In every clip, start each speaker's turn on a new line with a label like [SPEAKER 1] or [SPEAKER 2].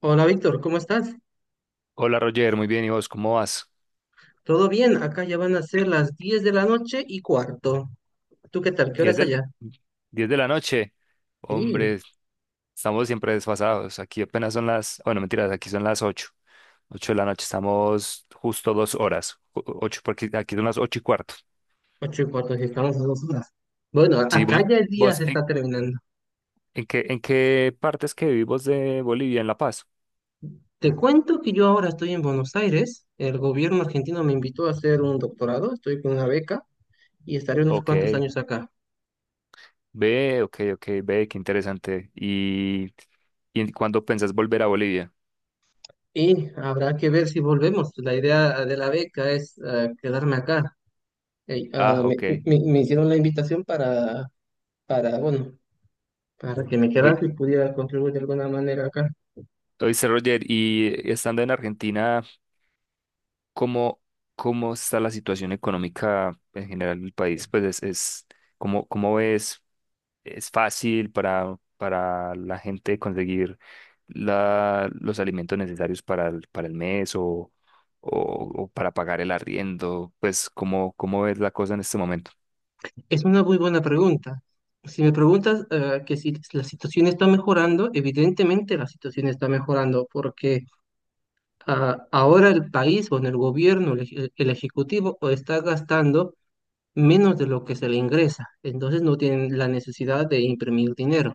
[SPEAKER 1] Hola Víctor, ¿cómo estás?
[SPEAKER 2] Hola Roger, muy bien. ¿Y vos cómo vas?
[SPEAKER 1] ¿Todo bien? Acá ya van a ser las 10 de la noche y cuarto. ¿Tú qué tal? ¿Qué hora
[SPEAKER 2] 10
[SPEAKER 1] es
[SPEAKER 2] del,
[SPEAKER 1] allá?
[SPEAKER 2] 10 de la noche.
[SPEAKER 1] Sí,
[SPEAKER 2] Hombre, estamos siempre desfasados. Aquí apenas son las, bueno, mentiras, aquí son las ocho de la noche, estamos justo 2 horas. Ocho porque aquí son las 8:15.
[SPEAKER 1] 8 y cuarto, sí, estamos a 2 horas. Bueno,
[SPEAKER 2] Sí,
[SPEAKER 1] acá
[SPEAKER 2] vos,
[SPEAKER 1] ya el día
[SPEAKER 2] vos
[SPEAKER 1] se está
[SPEAKER 2] ¿en,
[SPEAKER 1] terminando.
[SPEAKER 2] en qué, en qué partes que vivimos de Bolivia? ¿En La Paz?
[SPEAKER 1] Te cuento que yo ahora estoy en Buenos Aires. El gobierno argentino me invitó a hacer un doctorado, estoy con una beca y estaré unos cuantos
[SPEAKER 2] Ok,
[SPEAKER 1] años acá.
[SPEAKER 2] ve, ok, ok, ve, qué interesante. ¿Cuándo pensás volver a Bolivia?
[SPEAKER 1] Y habrá que ver si volvemos. La idea de la beca es quedarme acá. Ey, ah,
[SPEAKER 2] Ah,
[SPEAKER 1] me,
[SPEAKER 2] ok.
[SPEAKER 1] me- me hicieron la invitación para, bueno, para que me quedase
[SPEAKER 2] Hoy,
[SPEAKER 1] y pudiera contribuir de alguna manera acá.
[SPEAKER 2] hoy Roger, y estando en Argentina. cómo, cómo está la situación económica en general del país? Pues es, cómo ves, ¿es fácil para la gente conseguir los alimentos necesarios para el mes o para pagar el arriendo? Pues cómo ves la cosa en este momento?
[SPEAKER 1] Es una muy buena pregunta. Si me preguntas que si la situación está mejorando, evidentemente la situación está mejorando porque ahora el país o en el gobierno, el ejecutivo, o está gastando menos de lo que se le ingresa. Entonces no tienen la necesidad de imprimir dinero,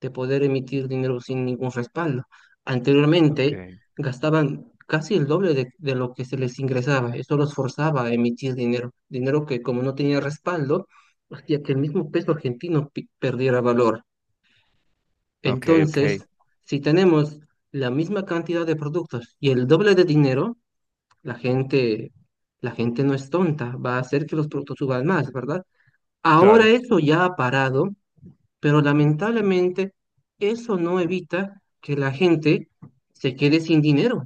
[SPEAKER 1] de poder emitir dinero sin ningún respaldo. Anteriormente
[SPEAKER 2] Okay,
[SPEAKER 1] gastaban casi el doble de lo que se les ingresaba. Eso los forzaba a emitir dinero, dinero que como no tenía respaldo, hacía que el mismo peso argentino perdiera valor.
[SPEAKER 2] okay, okay,
[SPEAKER 1] Entonces, si tenemos la misma cantidad de productos y el doble de dinero, la gente, la gente no es tonta, va a hacer que los productos suban más, ¿verdad? Ahora
[SPEAKER 2] claro,
[SPEAKER 1] eso ya ha parado, pero lamentablemente eso no evita que la gente se quede sin dinero.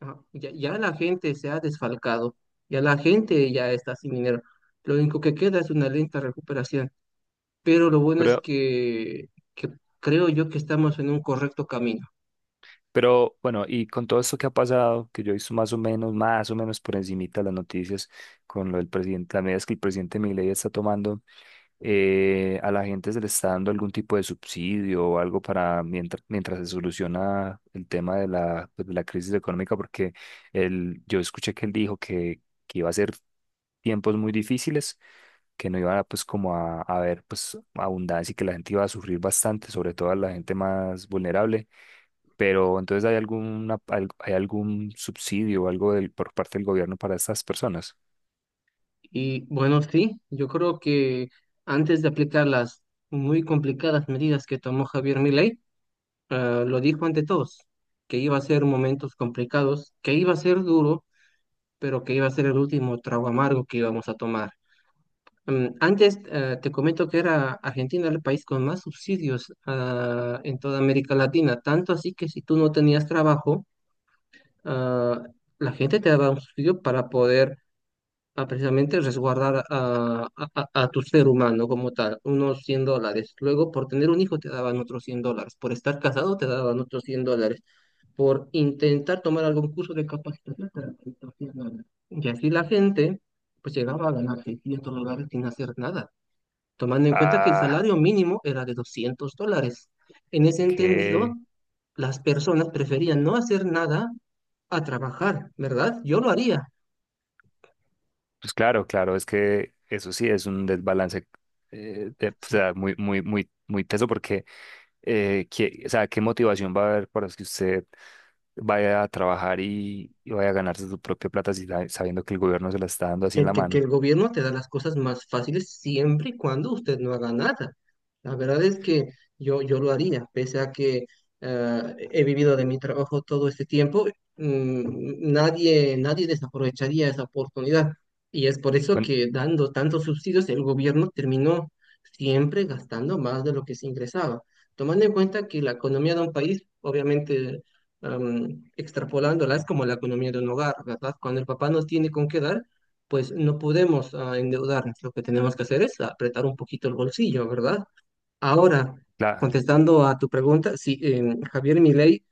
[SPEAKER 1] Ya, la gente se ha desfalcado, ya la gente ya está sin dinero. Lo único que queda es una lenta recuperación, pero lo bueno es
[SPEAKER 2] pero,
[SPEAKER 1] que creo yo que estamos en un correcto camino.
[SPEAKER 2] pero bueno, y con todo esto que ha pasado, que yo he visto más o menos por encimita las noticias con lo del presidente, las medidas que el presidente Milei está tomando. A la gente se le está dando algún tipo de subsidio o algo para mientras, mientras se soluciona el tema de la, pues, de la crisis económica, porque yo escuché que él dijo que iba a ser tiempos muy difíciles, que no iba pues como a haber pues abundancia y que la gente iba a sufrir bastante, sobre todo a la gente más vulnerable. Pero entonces hay algún subsidio o algo por parte del gobierno para estas personas?
[SPEAKER 1] Y bueno, sí, yo creo que antes de aplicar las muy complicadas medidas que tomó Javier Milei, lo dijo ante todos, que iba a ser momentos complicados, que iba a ser duro pero que iba a ser el último trago amargo que íbamos a tomar. Antes, te comento que era Argentina el país con más subsidios en toda América Latina, tanto así que si tú no tenías trabajo, ah, la gente te daba un subsidio para poder precisamente resguardar a tu ser humano como tal, unos $100. Luego, por tener un hijo te daban otros $100, por estar casado te daban otros $100 por intentar tomar algún curso de capacitación terapéutica. Y así la gente pues llegaba a ganar $600 sin hacer nada, tomando en cuenta que el
[SPEAKER 2] Ah,
[SPEAKER 1] salario mínimo era de $200. En ese entendido,
[SPEAKER 2] qué
[SPEAKER 1] las personas preferían no hacer nada a trabajar, ¿verdad? Yo lo haría.
[SPEAKER 2] Pues claro, claro, es que eso sí es un desbalance, o sea, muy, muy, muy, muy teso porque, o sea, ¿qué motivación va a haber para que usted vaya a trabajar y vaya a ganarse su propia plata si sabe- sabiendo que el gobierno se la está dando así en
[SPEAKER 1] que,
[SPEAKER 2] la
[SPEAKER 1] que- que
[SPEAKER 2] mano?
[SPEAKER 1] el gobierno te da las cosas más fáciles siempre y cuando usted no haga nada. La verdad es que yo lo haría, pese a que eh, he vivido de mi trabajo todo este tiempo, nadie desaprovecharía esa oportunidad. Y es por eso
[SPEAKER 2] Bueno,
[SPEAKER 1] que dando tantos subsidios, el gobierno terminó siempre gastando más de lo que se ingresaba. Tomando en cuenta que la economía de un país, obviamente, extrapolándola, es como la economía de un hogar, ¿verdad? Cuando el papá no tiene con qué dar, pues no podemos endeudarnos. Lo que tenemos que hacer es apretar un poquito el bolsillo, ¿verdad? Ahora,
[SPEAKER 2] la,
[SPEAKER 1] contestando a tu pregunta, sí, Javier Milei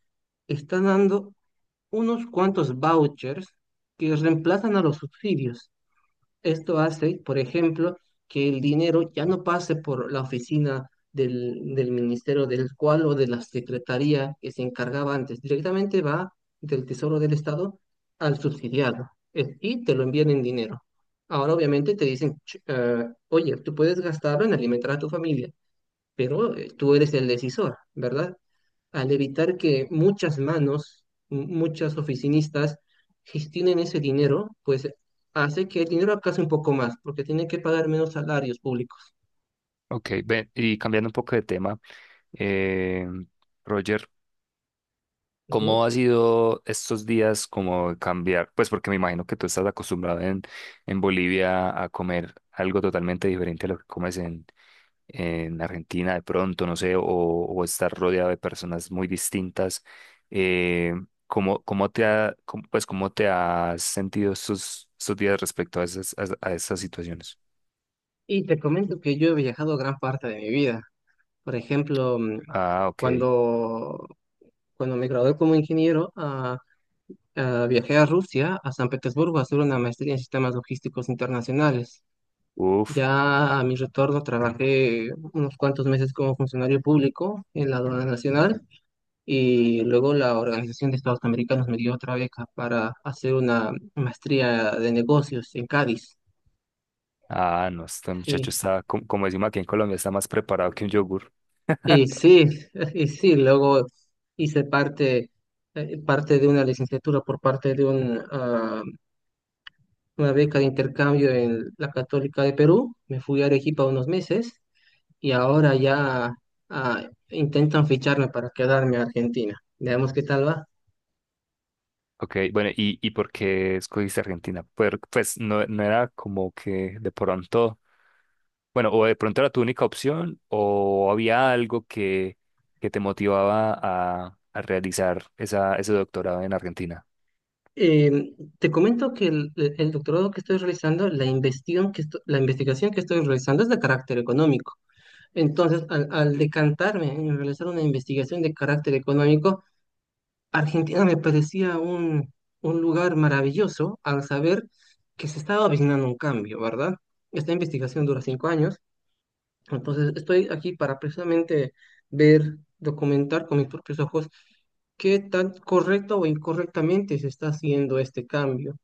[SPEAKER 1] está dando unos cuantos vouchers que reemplazan a los subsidios. Esto hace, por ejemplo, que el dinero ya no pase por la oficina del ministerio del cual o de la secretaría que se encargaba antes. Directamente va del Tesoro del Estado al subsidiado y te lo envían en dinero. Ahora, obviamente, te dicen, Oye, tú puedes gastarlo en alimentar a tu familia, pero tú eres el decisor, ¿verdad? Al evitar que muchas manos, muchas oficinistas gestionen ese dinero, pues hace que el dinero alcance un poco más, porque tiene que pagar menos salarios públicos.
[SPEAKER 2] ok, y cambiando un poco de tema, eh, Roger, ¿cómo
[SPEAKER 1] Ujú.
[SPEAKER 2] ha sido estos días, como cambiar? Pues porque me imagino que tú estás acostumbrado en Bolivia a comer algo totalmente diferente a lo que comes en Argentina, de pronto, no sé, o estar rodeado de personas muy distintas. Eh, ¿Cómo, cómo te ha, cómo- Pues, cómo te has sentido estos días respecto a esas situaciones?
[SPEAKER 1] Y te comento que yo he viajado gran parte de mi vida. Por ejemplo,
[SPEAKER 2] Ah, ok.
[SPEAKER 1] cuando, cuando me gradué como ingeniero, viajé a Rusia, a San Petersburgo, a hacer una maestría en sistemas logísticos internacionales.
[SPEAKER 2] Uf.
[SPEAKER 1] Ya a mi retorno trabajé unos cuantos meses como funcionario público en la aduana nacional. Y luego la Organización de Estados Americanos me dio otra beca para hacer una maestría de negocios en Cádiz.
[SPEAKER 2] Ah, no, este muchacho
[SPEAKER 1] Sí,
[SPEAKER 2] está, como decimos aquí en Colombia, está más preparado que un yogur.
[SPEAKER 1] y sí, y sí, luego hice parte de una licenciatura por parte de una beca de intercambio en la Católica de Perú. Me fui a Arequipa unos meses y ahora ya intentan ficharme para quedarme a Argentina. Veamos qué tal va.
[SPEAKER 2] Ok, bueno, ¿Y por qué escogiste Argentina? Pues, no era como que de pronto, bueno, o de pronto era tu única opción, o había algo que te motivaba a realizar ese doctorado en Argentina.
[SPEAKER 1] Te comento que el doctorado que estoy realizando, la investigación que estoy realizando es de carácter económico. Entonces, al decantarme en realizar una investigación de carácter económico, Argentina me parecía un lugar maravilloso al saber que se estaba avecinando un cambio, ¿verdad? Esta investigación dura 5 años, entonces estoy aquí para precisamente ver, documentar con mis propios ojos qué tan correcto o incorrectamente se está haciendo este cambio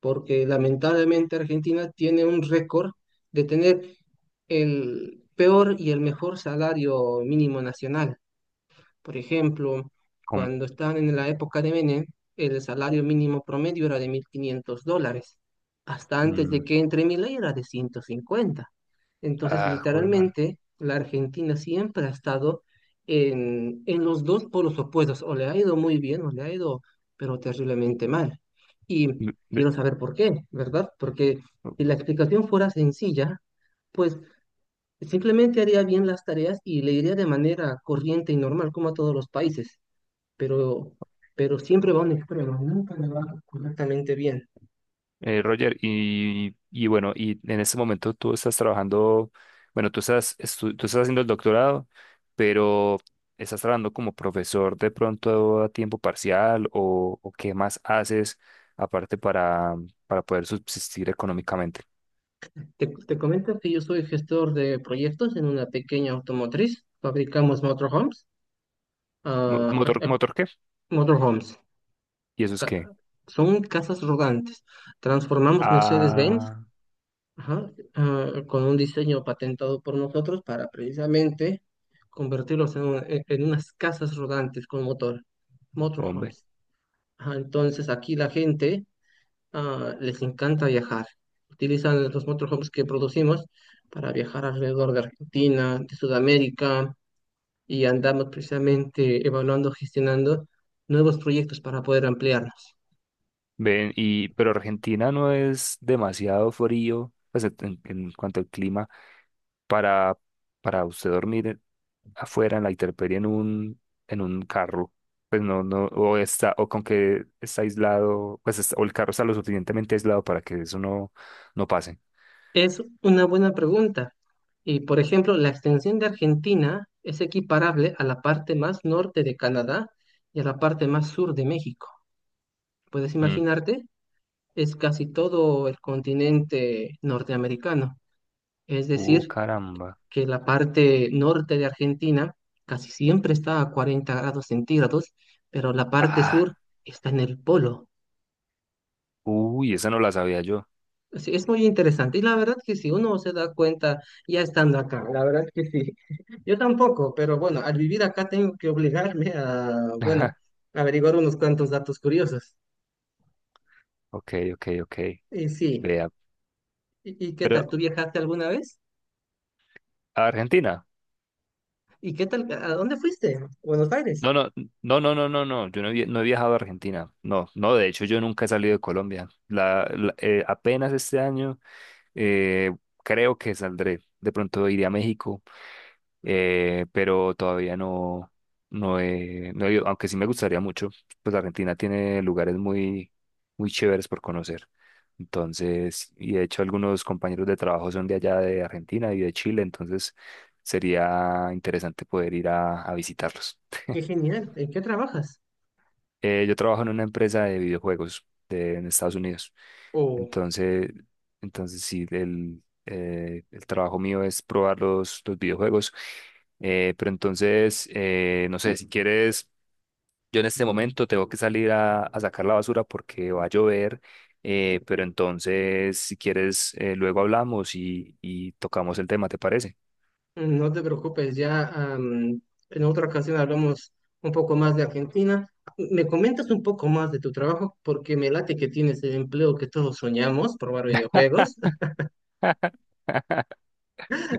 [SPEAKER 1] porque lamentablemente Argentina tiene un récord de tener el peor y el mejor salario mínimo nacional. Por ejemplo,
[SPEAKER 2] Como,
[SPEAKER 1] cuando estaban en la época de Menem, el salario mínimo promedio era de $1.500. Hasta antes de
[SPEAKER 2] mm,
[SPEAKER 1] que entre Milei era de 150. Entonces,
[SPEAKER 2] Joder, man.
[SPEAKER 1] literalmente, la Argentina siempre ha estado en los dos polos opuestos. O le ha ido muy bien o le ha ido, pero terriblemente mal. Y quiero saber por qué, ¿verdad? Porque si la explicación fuera sencilla, pues simplemente haría bien las tareas y le iría de manera corriente y normal, como a todos los países, pero, siempre va a un extremo, nunca le va correctamente bien.
[SPEAKER 2] Roger, y bueno, y en este momento tú estás trabajando, bueno, tú estás haciendo el doctorado, pero estás trabajando como profesor de pronto a tiempo parcial o qué más haces aparte para poder subsistir económicamente.
[SPEAKER 1] Te comento que yo soy gestor de proyectos en una pequeña automotriz, fabricamos motorhomes, ah, ah,
[SPEAKER 2] ¿Motor,
[SPEAKER 1] ah,
[SPEAKER 2] motor qué?
[SPEAKER 1] motorhomes.
[SPEAKER 2] ¿Y eso es
[SPEAKER 1] ca-
[SPEAKER 2] qué?
[SPEAKER 1] son casas rodantes. Transformamos Mercedes-Benz,
[SPEAKER 2] Ah,
[SPEAKER 1] ajá, con un diseño patentado por nosotros para precisamente convertirlos en unas casas rodantes con motor,
[SPEAKER 2] hombre.
[SPEAKER 1] motorhomes. Ajá, entonces aquí la gente les encanta viajar. Utilizan los motorhomes que producimos para viajar alrededor de Argentina, de Sudamérica, y andamos precisamente evaluando, gestionando nuevos proyectos para poder ampliarnos.
[SPEAKER 2] Ven, pero Argentina no es demasiado frío, pues en cuanto al clima, para, para usted dormir afuera en la intemperie en un, carro, pues no, no, o está, o con que está aislado, pues o el carro está lo suficientemente aislado para que eso no pase.
[SPEAKER 1] Es una buena pregunta. Y por ejemplo, la extensión de Argentina es equiparable a la parte más norte de Canadá y a la parte más sur de México. Puedes
[SPEAKER 2] Mm.
[SPEAKER 1] imaginarte, es casi todo el continente norteamericano. Es decir,
[SPEAKER 2] Caramba.
[SPEAKER 1] que la parte norte de Argentina casi siempre está a 40 grados centígrados, pero la parte sur
[SPEAKER 2] Ah,
[SPEAKER 1] está en el polo.
[SPEAKER 2] uy, esa no la sabía yo.
[SPEAKER 1] Así es muy interesante. Y la verdad que si uno se da cuenta ya estando acá, la verdad que sí. Yo tampoco, pero bueno, al vivir acá tengo que obligarme a, bueno, averiguar unos cuantos datos curiosos.
[SPEAKER 2] Ok, ok, ok.
[SPEAKER 1] Y sí,
[SPEAKER 2] Vea,
[SPEAKER 1] ¿y qué
[SPEAKER 2] pero,
[SPEAKER 1] tal? ¿Tú viajaste alguna vez?
[SPEAKER 2] ¿a Argentina?
[SPEAKER 1] ¿Y qué tal? ¿A dónde fuiste? Buenos Aires.
[SPEAKER 2] No, no, no, no, no, no, no. Yo no he viajado a Argentina. No, no, de hecho yo nunca he salido de Colombia. Apenas este año, eh, creo que saldré. De pronto iré a México, pero todavía no he ido, aunque sí me gustaría mucho, pues Argentina tiene lugares muy, muy chéveres por conocer. Entonces, y de hecho algunos compañeros de trabajo son de allá de Argentina y de Chile, entonces sería interesante poder ir a visitarlos.
[SPEAKER 1] Qué genial. ¿En qué trabajas?
[SPEAKER 2] Yo trabajo en una empresa de videojuegos en Estados Unidos. Entonces, entonces sí, el trabajo mío es probar los videojuegos. Pero entonces, no sé, si quieres, yo en este momento tengo que salir a sacar la basura porque va a llover. Pero entonces, si quieres, luego hablamos y tocamos el tema, ¿te parece?
[SPEAKER 1] No te preocupes, ya en otra ocasión hablamos un poco más de Argentina. ¿Me comentas un poco más de tu trabajo? Porque me late que tienes el empleo que todos soñamos, probar videojuegos.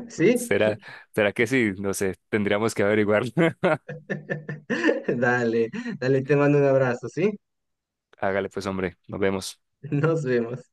[SPEAKER 1] ¿Sí?
[SPEAKER 2] ¿Será, será que sí? No sé, tendríamos que averiguar.
[SPEAKER 1] Dale, dale, te mando un abrazo, ¿sí?
[SPEAKER 2] Hágale pues, hombre, nos vemos.
[SPEAKER 1] Nos vemos.